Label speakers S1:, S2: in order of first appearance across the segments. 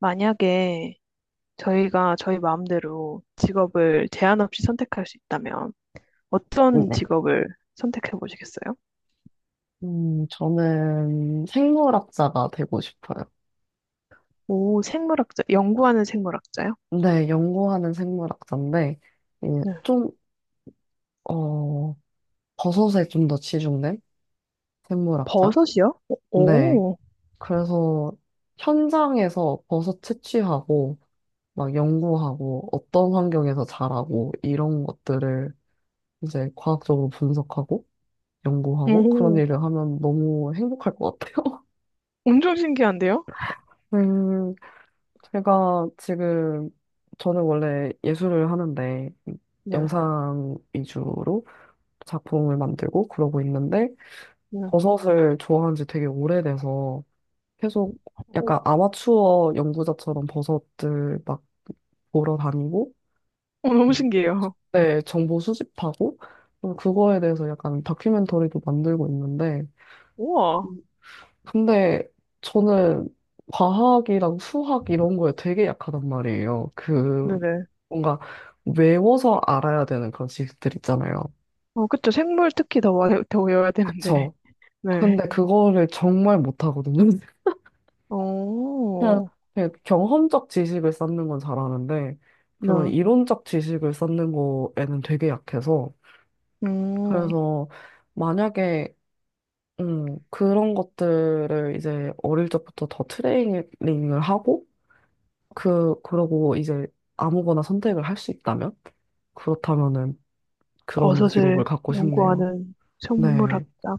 S1: 만약에 저희가 저희 마음대로 직업을 제한 없이 선택할 수 있다면 어떤
S2: 네.
S1: 직업을 선택해 보시겠어요?
S2: 저는 생물학자가 되고 싶어요.
S1: 오, 생물학자, 연구하는 생물학자요?
S2: 네, 연구하는 생물학자인데, 예,
S1: 네.
S2: 좀, 어, 버섯에 좀 더 치중된 생물학자?
S1: 버섯이요?
S2: 네.
S1: 오,
S2: 그래서 현장에서 버섯 채취하고, 막 연구하고, 어떤 환경에서 자라고, 이런 것들을 이제 과학적으로 분석하고, 연구하고, 그런
S1: 오,
S2: 일을 하면 너무 행복할 것 같아요.
S1: 엄청 신기한데요?
S2: 음, 제가 지금 저는 원래 예술을 하는데
S1: 네.
S2: 영상 위주로 작품을 만들고 그러고 있는데
S1: 네.
S2: 버섯을 좋아한 지 되게 오래돼서 계속
S1: 오,
S2: 약간 아마추어 연구자처럼 버섯들 막 보러 다니고.
S1: 오, 너무
S2: 음.
S1: 신기해요.
S2: 네, 정보 수집하고 또 그거에 대해서 약간 다큐멘터리도 만들고 있는데.
S1: 우와.
S2: 근데 저는 과학이랑 수학 이런 거에 되게 약하단 말이에요. 그
S1: 네네.
S2: 뭔가 외워서 알아야 되는 그런 지식들 있잖아요.
S1: 어, 그쵸. 생물 특히 더, 더 외워야 되는데.
S2: 그쵸.
S1: 네.
S2: 근데 그거를 정말 못하거든요. 그냥,
S1: 오,
S2: 그냥 경험적 지식을 쌓는 건 잘하는데, 그런
S1: 네.
S2: 이론적 지식을 쌓는 거에는 되게 약해서,
S1: 음,
S2: 그래서 만약에, 그런 것들을 이제 어릴 적부터 더 트레이닝을 하고, 그러고 이제 아무거나 선택을 할 수 있다면? 그렇다면은 그런 직업을
S1: 버섯을
S2: 갖고 싶네요.
S1: 연구하는
S2: 네,
S1: 생물학자.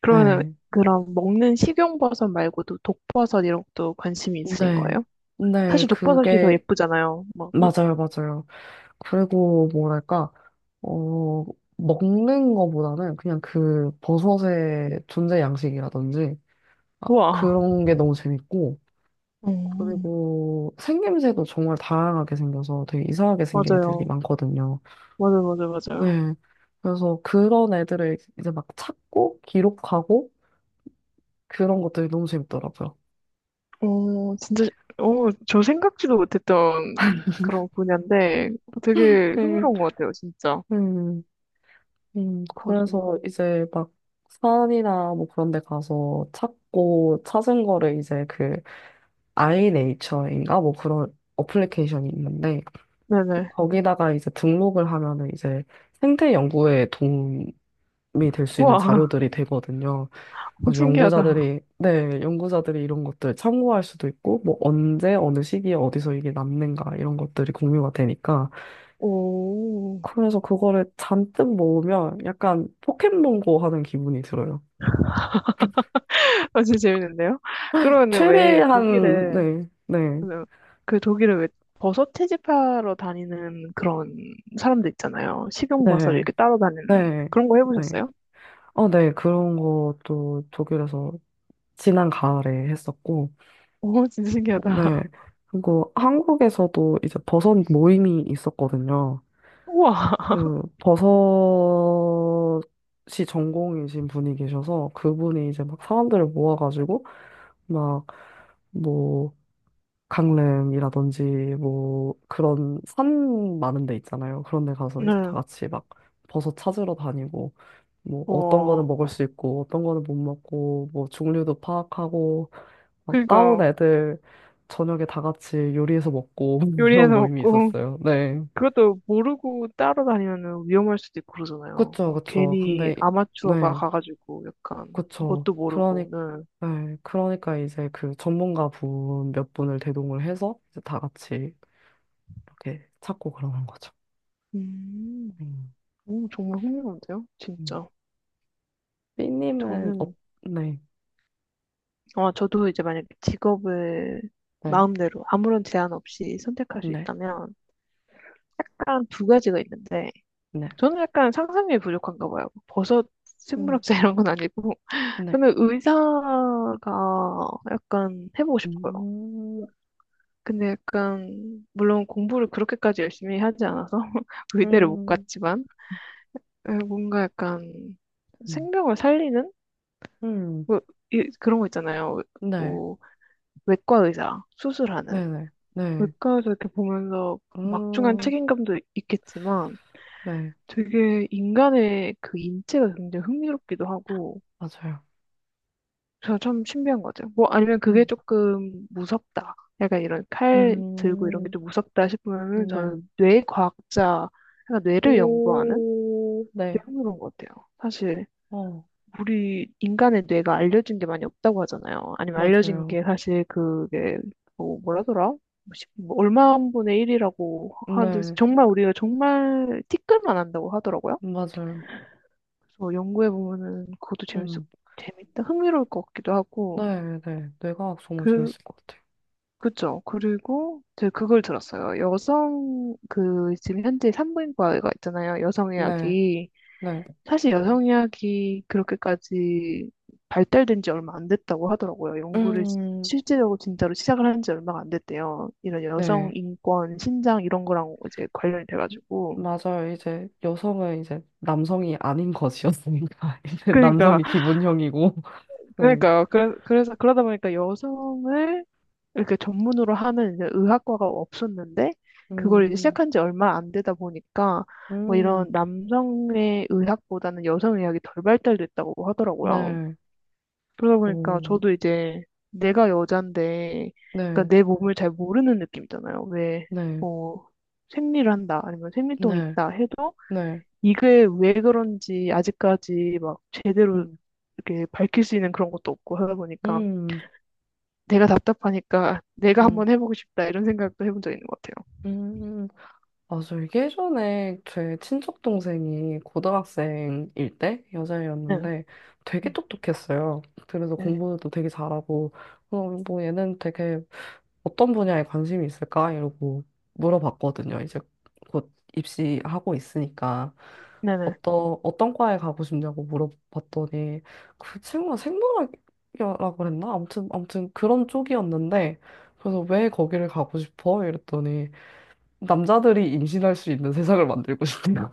S1: 그러면
S2: 네.
S1: 그럼 먹는 식용버섯 말고도 독버섯 이런 것도 관심이 있으신
S2: 네.
S1: 거예요?
S2: 네,
S1: 사실 독버섯이 더 예쁘잖아요.
S2: 맞아요, 맞아요. 그리고 뭐랄까, 어, 먹는 거보다는 그냥 그 버섯의 존재 양식이라든지, 아,
S1: 우와.
S2: 그런 게 너무 재밌고,
S1: 음,
S2: 그리고 생김새도 정말 다양하게 생겨서 되게 이상하게 생긴 애들이
S1: 맞아요.
S2: 많거든요.
S1: 맞아요.
S2: 네. 그래서 그런 애들을 이제 막 찾고, 기록하고, 그런 것들이 너무 재밌더라고요.
S1: 어, 진짜, 어, 생각지도 못했던 그런 분야인데 되게
S2: 음,
S1: 흥미로운 것 같아요, 진짜.
S2: 음.
S1: 버섯.
S2: 그래서 이제 막 산이나 뭐 그런 데 가서 찾고 찾은 거를 이제 아이네이처인가 뭐 그런 어플리케이션이 있는데
S1: 네네.
S2: 거기다가 이제 등록을 하면은 이제 생태 연구에 도움이 될 수 있는
S1: 우와,
S2: 자료들이 되거든요. 그래서
S1: 신기하다.
S2: 연구자들이 이런 것들 참고할 수도 있고 뭐 언제 어느 시기에 어디서 이게 남는가 이런 것들이 공유가 되니까
S1: 오,
S2: 그래서 그거를 잔뜩 모으면 약간 포켓몬고 하는 기분이 들어요.
S1: 아주 재밌는데요? 그러면 왜 독일에
S2: 네, 네,
S1: 그그 독일은 왜 버섯 채집하러 다니는 그런 사람들 있잖아요. 식용버섯
S2: 네,
S1: 이렇게 따러 다니는
S2: 네,
S1: 그런 거
S2: 네.
S1: 해보셨어요?
S2: 네, 그런 것도 독일에서 지난 가을에 했었고,
S1: 오, 진짜
S2: 네.
S1: 신기하다.
S2: 그리고 한국에서도 이제 버섯 모임이 있었거든요.
S1: 우와.
S2: 그 버섯이 전공이신 분이 계셔서 그분이 이제 막 사람들을 모아가지고 막뭐 강릉이라든지 뭐 그런 산 많은 데 있잖아요. 그런 데 가서 이제 다
S1: 네.
S2: 같이 막 버섯 찾으러 다니고 뭐 어떤 거는
S1: 우와.
S2: 먹을 수 있고 어떤 거는 못 먹고 뭐 종류도 파악하고 막 따온
S1: 그러니까요.
S2: 애들 저녁에 다 같이 요리해서 먹고
S1: 요리해서
S2: 그런 모임이
S1: 먹고
S2: 있었어요. 네.
S1: 그것도 모르고 따러 다니면 위험할 수도 있고 그러잖아요.
S2: 그쵸,
S1: 막
S2: 그쵸.
S1: 괜히
S2: 근데
S1: 아마추어가
S2: 네.
S1: 가가지고 약간
S2: 그쵸.
S1: 뭣도
S2: 그러니
S1: 모르고. 네.
S2: 네. 그러니까 이제 그 전문가 분 몇 분을 대동을 해서 이제 다 같이 이렇게 찾고 그러는 거죠.
S1: 음,
S2: 음.
S1: 오, 정말 흥미로운데요?
S2: 음.
S1: 진짜. 저는
S2: 네,
S1: 어, 저도 이제 만약에 직업을
S2: 네,
S1: 마음대로 아무런 제한 없이 선택할 수
S2: 네,
S1: 있다면 딱 두 가지가 있는데
S2: 네,
S1: 저는 약간 상상력이 부족한가 봐요. 뭐 버섯
S2: 음,
S1: 생물학자 이런 건 아니고
S2: 네,
S1: 저는 의사가 약간 해보고 싶어요.
S2: 음,
S1: 근데 약간 물론 공부를 그렇게까지 열심히 하지 않아서 의대를 못
S2: 음,
S1: 갔지만 에, 뭔가 약간
S2: 음,
S1: 생명을 살리는
S2: 음,
S1: 뭐, 그런 거 있잖아요.
S2: 네,
S1: 뭐, 외과 의사 수술하는
S2: 네, 네, 네,
S1: 물가에서 이렇게 보면서 막중한
S2: 음,
S1: 책임감도 있겠지만
S2: 네,
S1: 되게 인간의 그 인체가 굉장히 흥미롭기도 하고
S2: 맞아요.
S1: 제가 참 신비한 것 같아요. 뭐 아니면 그게
S2: 음,
S1: 조금 무섭다. 약간 이런 칼 들고 이런 게
S2: 음,
S1: 좀 무섭다 싶으면은
S2: 네,
S1: 저는 뇌 과학자, 약간 뇌를 연구하는
S2: 오,
S1: 되게
S2: 네,
S1: 흥미로운 것 같아요. 사실
S2: 어,
S1: 우리 인간의 뇌가 알려진 게 많이 없다고 하잖아요. 아니면 알려진
S2: 맞아요.
S1: 게 사실 그게 뭐 뭐라더라? 뭐 얼마 분의 일이라고 하는데
S2: 네,
S1: 정말 우리가 정말 티끌만 한다고 하더라고요.
S2: 맞아요.
S1: 그래서 연구해 보면은 그것도 재밌어
S2: 음,
S1: 재밌다 흥미로울 것 같기도 하고
S2: 네, 네, 뇌과학 정말
S1: 그
S2: 재밌을 것 같아요.
S1: 그죠. 그리고 제가 그걸 들었어요. 여성 그 지금 현재 산부인과가 있잖아요.
S2: 네,
S1: 여성의학이
S2: 네,
S1: 사실 여성 의학이 그렇게까지 발달된 지 얼마 안 됐다고 하더라고요. 연구를
S2: 음,
S1: 실제적으로 진짜로 시작을 한 지 얼마가 안 됐대요. 이런 여성
S2: 네.
S1: 인권, 신장 이런 거랑 이제 관련이 돼가지고.
S2: 맞아요. 이제 여성은 이제 남성이 아닌 것이었으니까 이제
S1: 그러니까,
S2: 남성이 기본형이고 네.
S1: 그러니까요. 그래, 그래서 그러다 보니까 여성을 이렇게 전문으로 하는 이제 의학과가 없었는데 그걸 이제
S2: 음,
S1: 시작한 지 얼마 안 되다 보니까 뭐 이런
S2: 음,
S1: 남성의 의학보다는 여성 의학이 덜 발달됐다고 하더라고요.
S2: 네,
S1: 그러다 보니까
S2: 오,
S1: 저도 이제 내가 여잔데,
S2: 네,
S1: 그러니까 내 몸을 잘 모르는 느낌이잖아요. 왜,
S2: 네,
S1: 뭐 생리를 한다, 아니면 생리통이
S2: 네,
S1: 있다 해도
S2: 네,
S1: 이게 왜 그런지 아직까지 막 제대로
S2: 음,
S1: 이렇게 밝힐 수 있는 그런 것도 없고 하다 보니까
S2: 음,
S1: 내가 답답하니까 내가
S2: 음,
S1: 한번 해보고 싶다 이런 생각도 해본 적 있는 것 같아요.
S2: 음. 맞아. 이게 예전에 제 친척 동생이 고등학생일 때
S1: 네,
S2: 여자애였는데 되게 똑똑했어요. 그래서
S1: 네,
S2: 공부도 되게 잘하고 뭐 얘는 되게 어떤 분야에 관심이 있을까? 이러고 물어봤거든요. 이제 곧 입시하고 있으니까
S1: 네, 네.
S2: 어떤 과에 가고 싶냐고 물어봤더니 그 친구가 생물학이라고 그랬나? 아무튼 그런 쪽이었는데 그래서 왜 거기를 가고 싶어? 이랬더니 남자들이 임신할 수 있는 세상을 만들고 싶대요.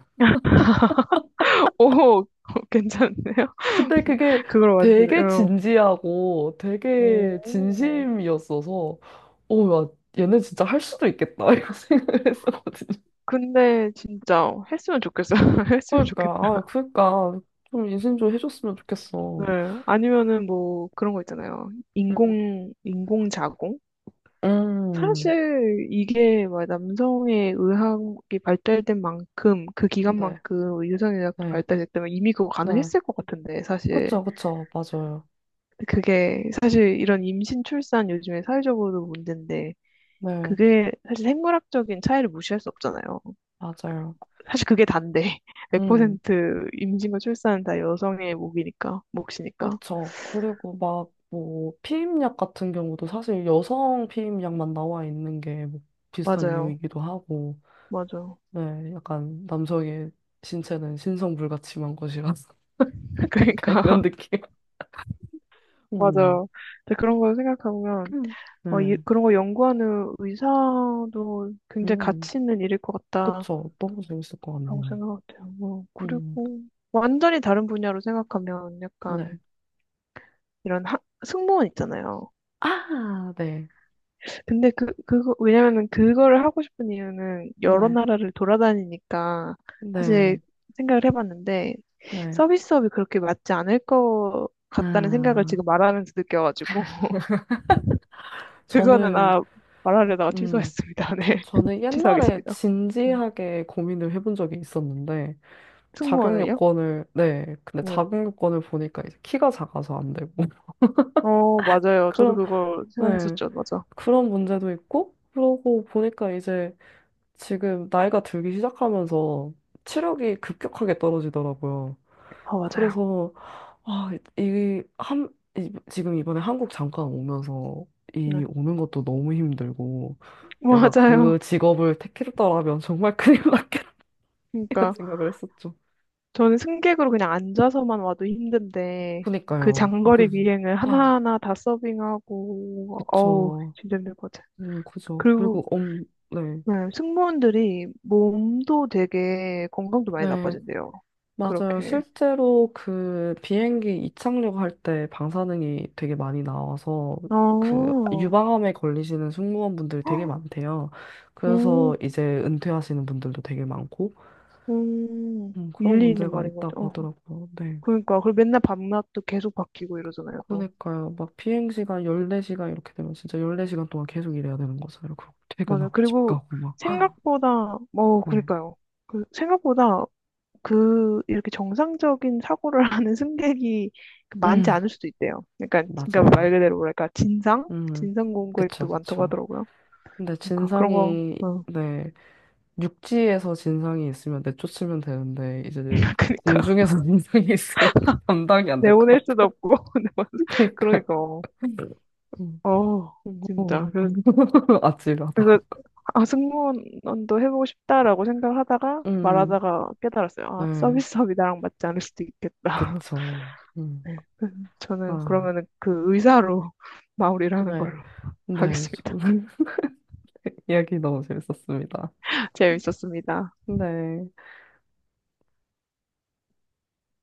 S1: 오, 괜찮네요.
S2: 근데 그게
S1: 그걸 완전히,
S2: 되게
S1: 응.
S2: 진지하고 되게
S1: 오.
S2: 진심이었어서 오, 야, 얘네 진짜 할 수도 있겠다 이런 생각을 했었거든요.
S1: 근데 진짜 했으면 좋겠어요. 했으면 좋겠다.
S2: 그러니까 좀 인생 좀 해줬으면 좋겠어.
S1: 네. 아니면은 뭐 그런 거 있잖아요.
S2: 음,
S1: 인공, 인공자공?
S2: 음,
S1: 사실 이게 막 남성의 의학이 발달된 만큼 그
S2: 네,
S1: 기간만큼 유전의학도 발
S2: 네,
S1: 달됐다 때문에 이미 그거
S2: 네,
S1: 가능했을 것 같은데 사실
S2: 그쵸, 그쵸, 맞아요.
S1: 근데 그게 사실 이런 임신 출산 요즘에 사회적으로도 문제인데
S2: 네,
S1: 그게 사실 생물학적인 차이를 무시할 수 없잖아요.
S2: 맞아요.
S1: 사실 그게 단데
S2: 음,
S1: 100% 임신과 출산은 다 여성의 몫이니까
S2: 그쵸. 그리고 막 뭐 피임약 같은 경우도 사실 여성 피임약만 나와 있는 게뭐 비슷한
S1: 맞아요.
S2: 이유이기도 하고,
S1: 맞아.
S2: 네, 약간 남성의 신체는 신성불가침한 것이라서 약간
S1: 그러니까
S2: 이런 느낌. 음,
S1: 맞아. 근데 그런 걸 생각해보면,
S2: 음,
S1: 어,
S2: 네,
S1: 그런 거 연구하는 의사도 굉장히
S2: 음,
S1: 가치 있는 일일 것 같다라고
S2: 그쵸. 너무 재밌을 것 같네요.
S1: 생각해요. 어,
S2: 음,
S1: 그리고 완전히 다른 분야로 생각하면 약간
S2: 네.
S1: 이런 하, 승무원 있잖아요.
S2: 아, 네.
S1: 근데 왜냐면은 그거를 하고 싶은 이유는 여러
S2: 네.
S1: 나라를 돌아다니니까 사실
S2: 네.
S1: 생각을 해봤는데
S2: 네.
S1: 서비스업이 그렇게 맞지 않을 것 같다는 생각을
S2: 아,
S1: 지금 말하면서 느껴가지고. 그거는
S2: 저는,
S1: 아 말하려다가
S2: 음,
S1: 취소했습니다. 네,
S2: 저는 옛날에
S1: 취소하겠습니다. 음.
S2: 진지하게 고민을 해본 적이 있었는데, 자격
S1: 승무원을요?
S2: 요건을, 네. 근데
S1: 네.
S2: 자격 요건을 보니까 이제 키가 작아서 안 되고,
S1: 어 맞아요. 저도
S2: 그런,
S1: 그거
S2: 네.
S1: 생각했었죠. 맞아.
S2: 그런 문제도 있고, 그러고 보니까 이제 지금 나이가 들기 시작하면서 체력이 급격하게 떨어지더라고요.
S1: 아 맞아요.
S2: 그래서 아, 이, 한, 지금 이번에 한국 잠깐 오면서 이
S1: 네,
S2: 오는 것도 너무 힘들고 내가
S1: 맞아요.
S2: 그 직업을 택했더라면 정말 큰일 났겠다는
S1: 그러니까
S2: 생각을 했었죠.
S1: 저는 승객으로 그냥 앉아서만 와도 힘든데 그
S2: 그니까요. 거기
S1: 장거리 비행을
S2: 아,
S1: 하나하나 다 서빙하고 어우
S2: 그쵸.
S1: 진짜 힘들 것 같아요.
S2: 그죠.
S1: 그리고
S2: 네,
S1: 네, 승무원들이 몸도 되게 건강도 많이
S2: 네.
S1: 나빠진대요.
S2: 맞아요.
S1: 그렇게.
S2: 실제로 그 비행기 이착륙 할 때 방사능이 되게 많이 나와서
S1: 아,
S2: 그
S1: 오,
S2: 유방암에 걸리시는 승무원분들 되게 많대요. 그래서 이제 은퇴하시는 분들도 되게 많고
S1: 음,
S2: 그런
S1: 일리 있는
S2: 문제가
S1: 말인 것 같아.
S2: 있다고
S1: 어,
S2: 하더라고요. 네.
S1: 그러니까. 그리고 맨날 밤낮도 계속 바뀌고 이러잖아요, 또.
S2: 그러니까요. 막 비행시간 14시간 이렇게 되면 진짜 14시간 동안 계속 일해야 되는 거잖아요. 그리고
S1: 맞아요.
S2: 퇴근하고 집
S1: 그리고
S2: 가고 막.
S1: 생각보다, 어,
S2: 네.
S1: 그러니까요. 생각보다 그, 이렇게 정상적인 사고를 하는 승객이 많지
S2: 음,
S1: 않을 수도 있대요. 그러니까, 그러니까
S2: 맞아요.
S1: 말 그대로 뭐랄까, 진상?
S2: 음.
S1: 진상 공격도
S2: 그쵸,
S1: 많다고
S2: 그쵸.
S1: 하더라고요.
S2: 근데
S1: 그러니까 그런 거,
S2: 진상이
S1: 어,
S2: 네. 육지에서 진상이 있으면 내쫓으면 되는데 이제
S1: 그러니까.
S2: 공중에서 진상이 있으면 감당이 안 될 것
S1: 내보낼 수도
S2: 같아요.
S1: 없고.
S2: 그러니까
S1: 그러니까, 어,
S2: 음.
S1: 진짜.
S2: 오. 아찔하다.
S1: 그래서 승무원도 해보고 싶다라고 생각하다가
S2: 음,
S1: 말하다가 깨달았어요. 아,
S2: 네,
S1: 서비스업이 나랑 맞지 않을 수도 있겠다.
S2: 그쵸.
S1: 네. 저는
S2: 아,
S1: 그러면은 그 의사로 마무리를 하는
S2: 네,
S1: 걸로
S2: 네,
S1: 하겠습니다.
S2: 좀 이야기 너무 재밌었습니다.
S1: 재밌었습니다.
S2: 네.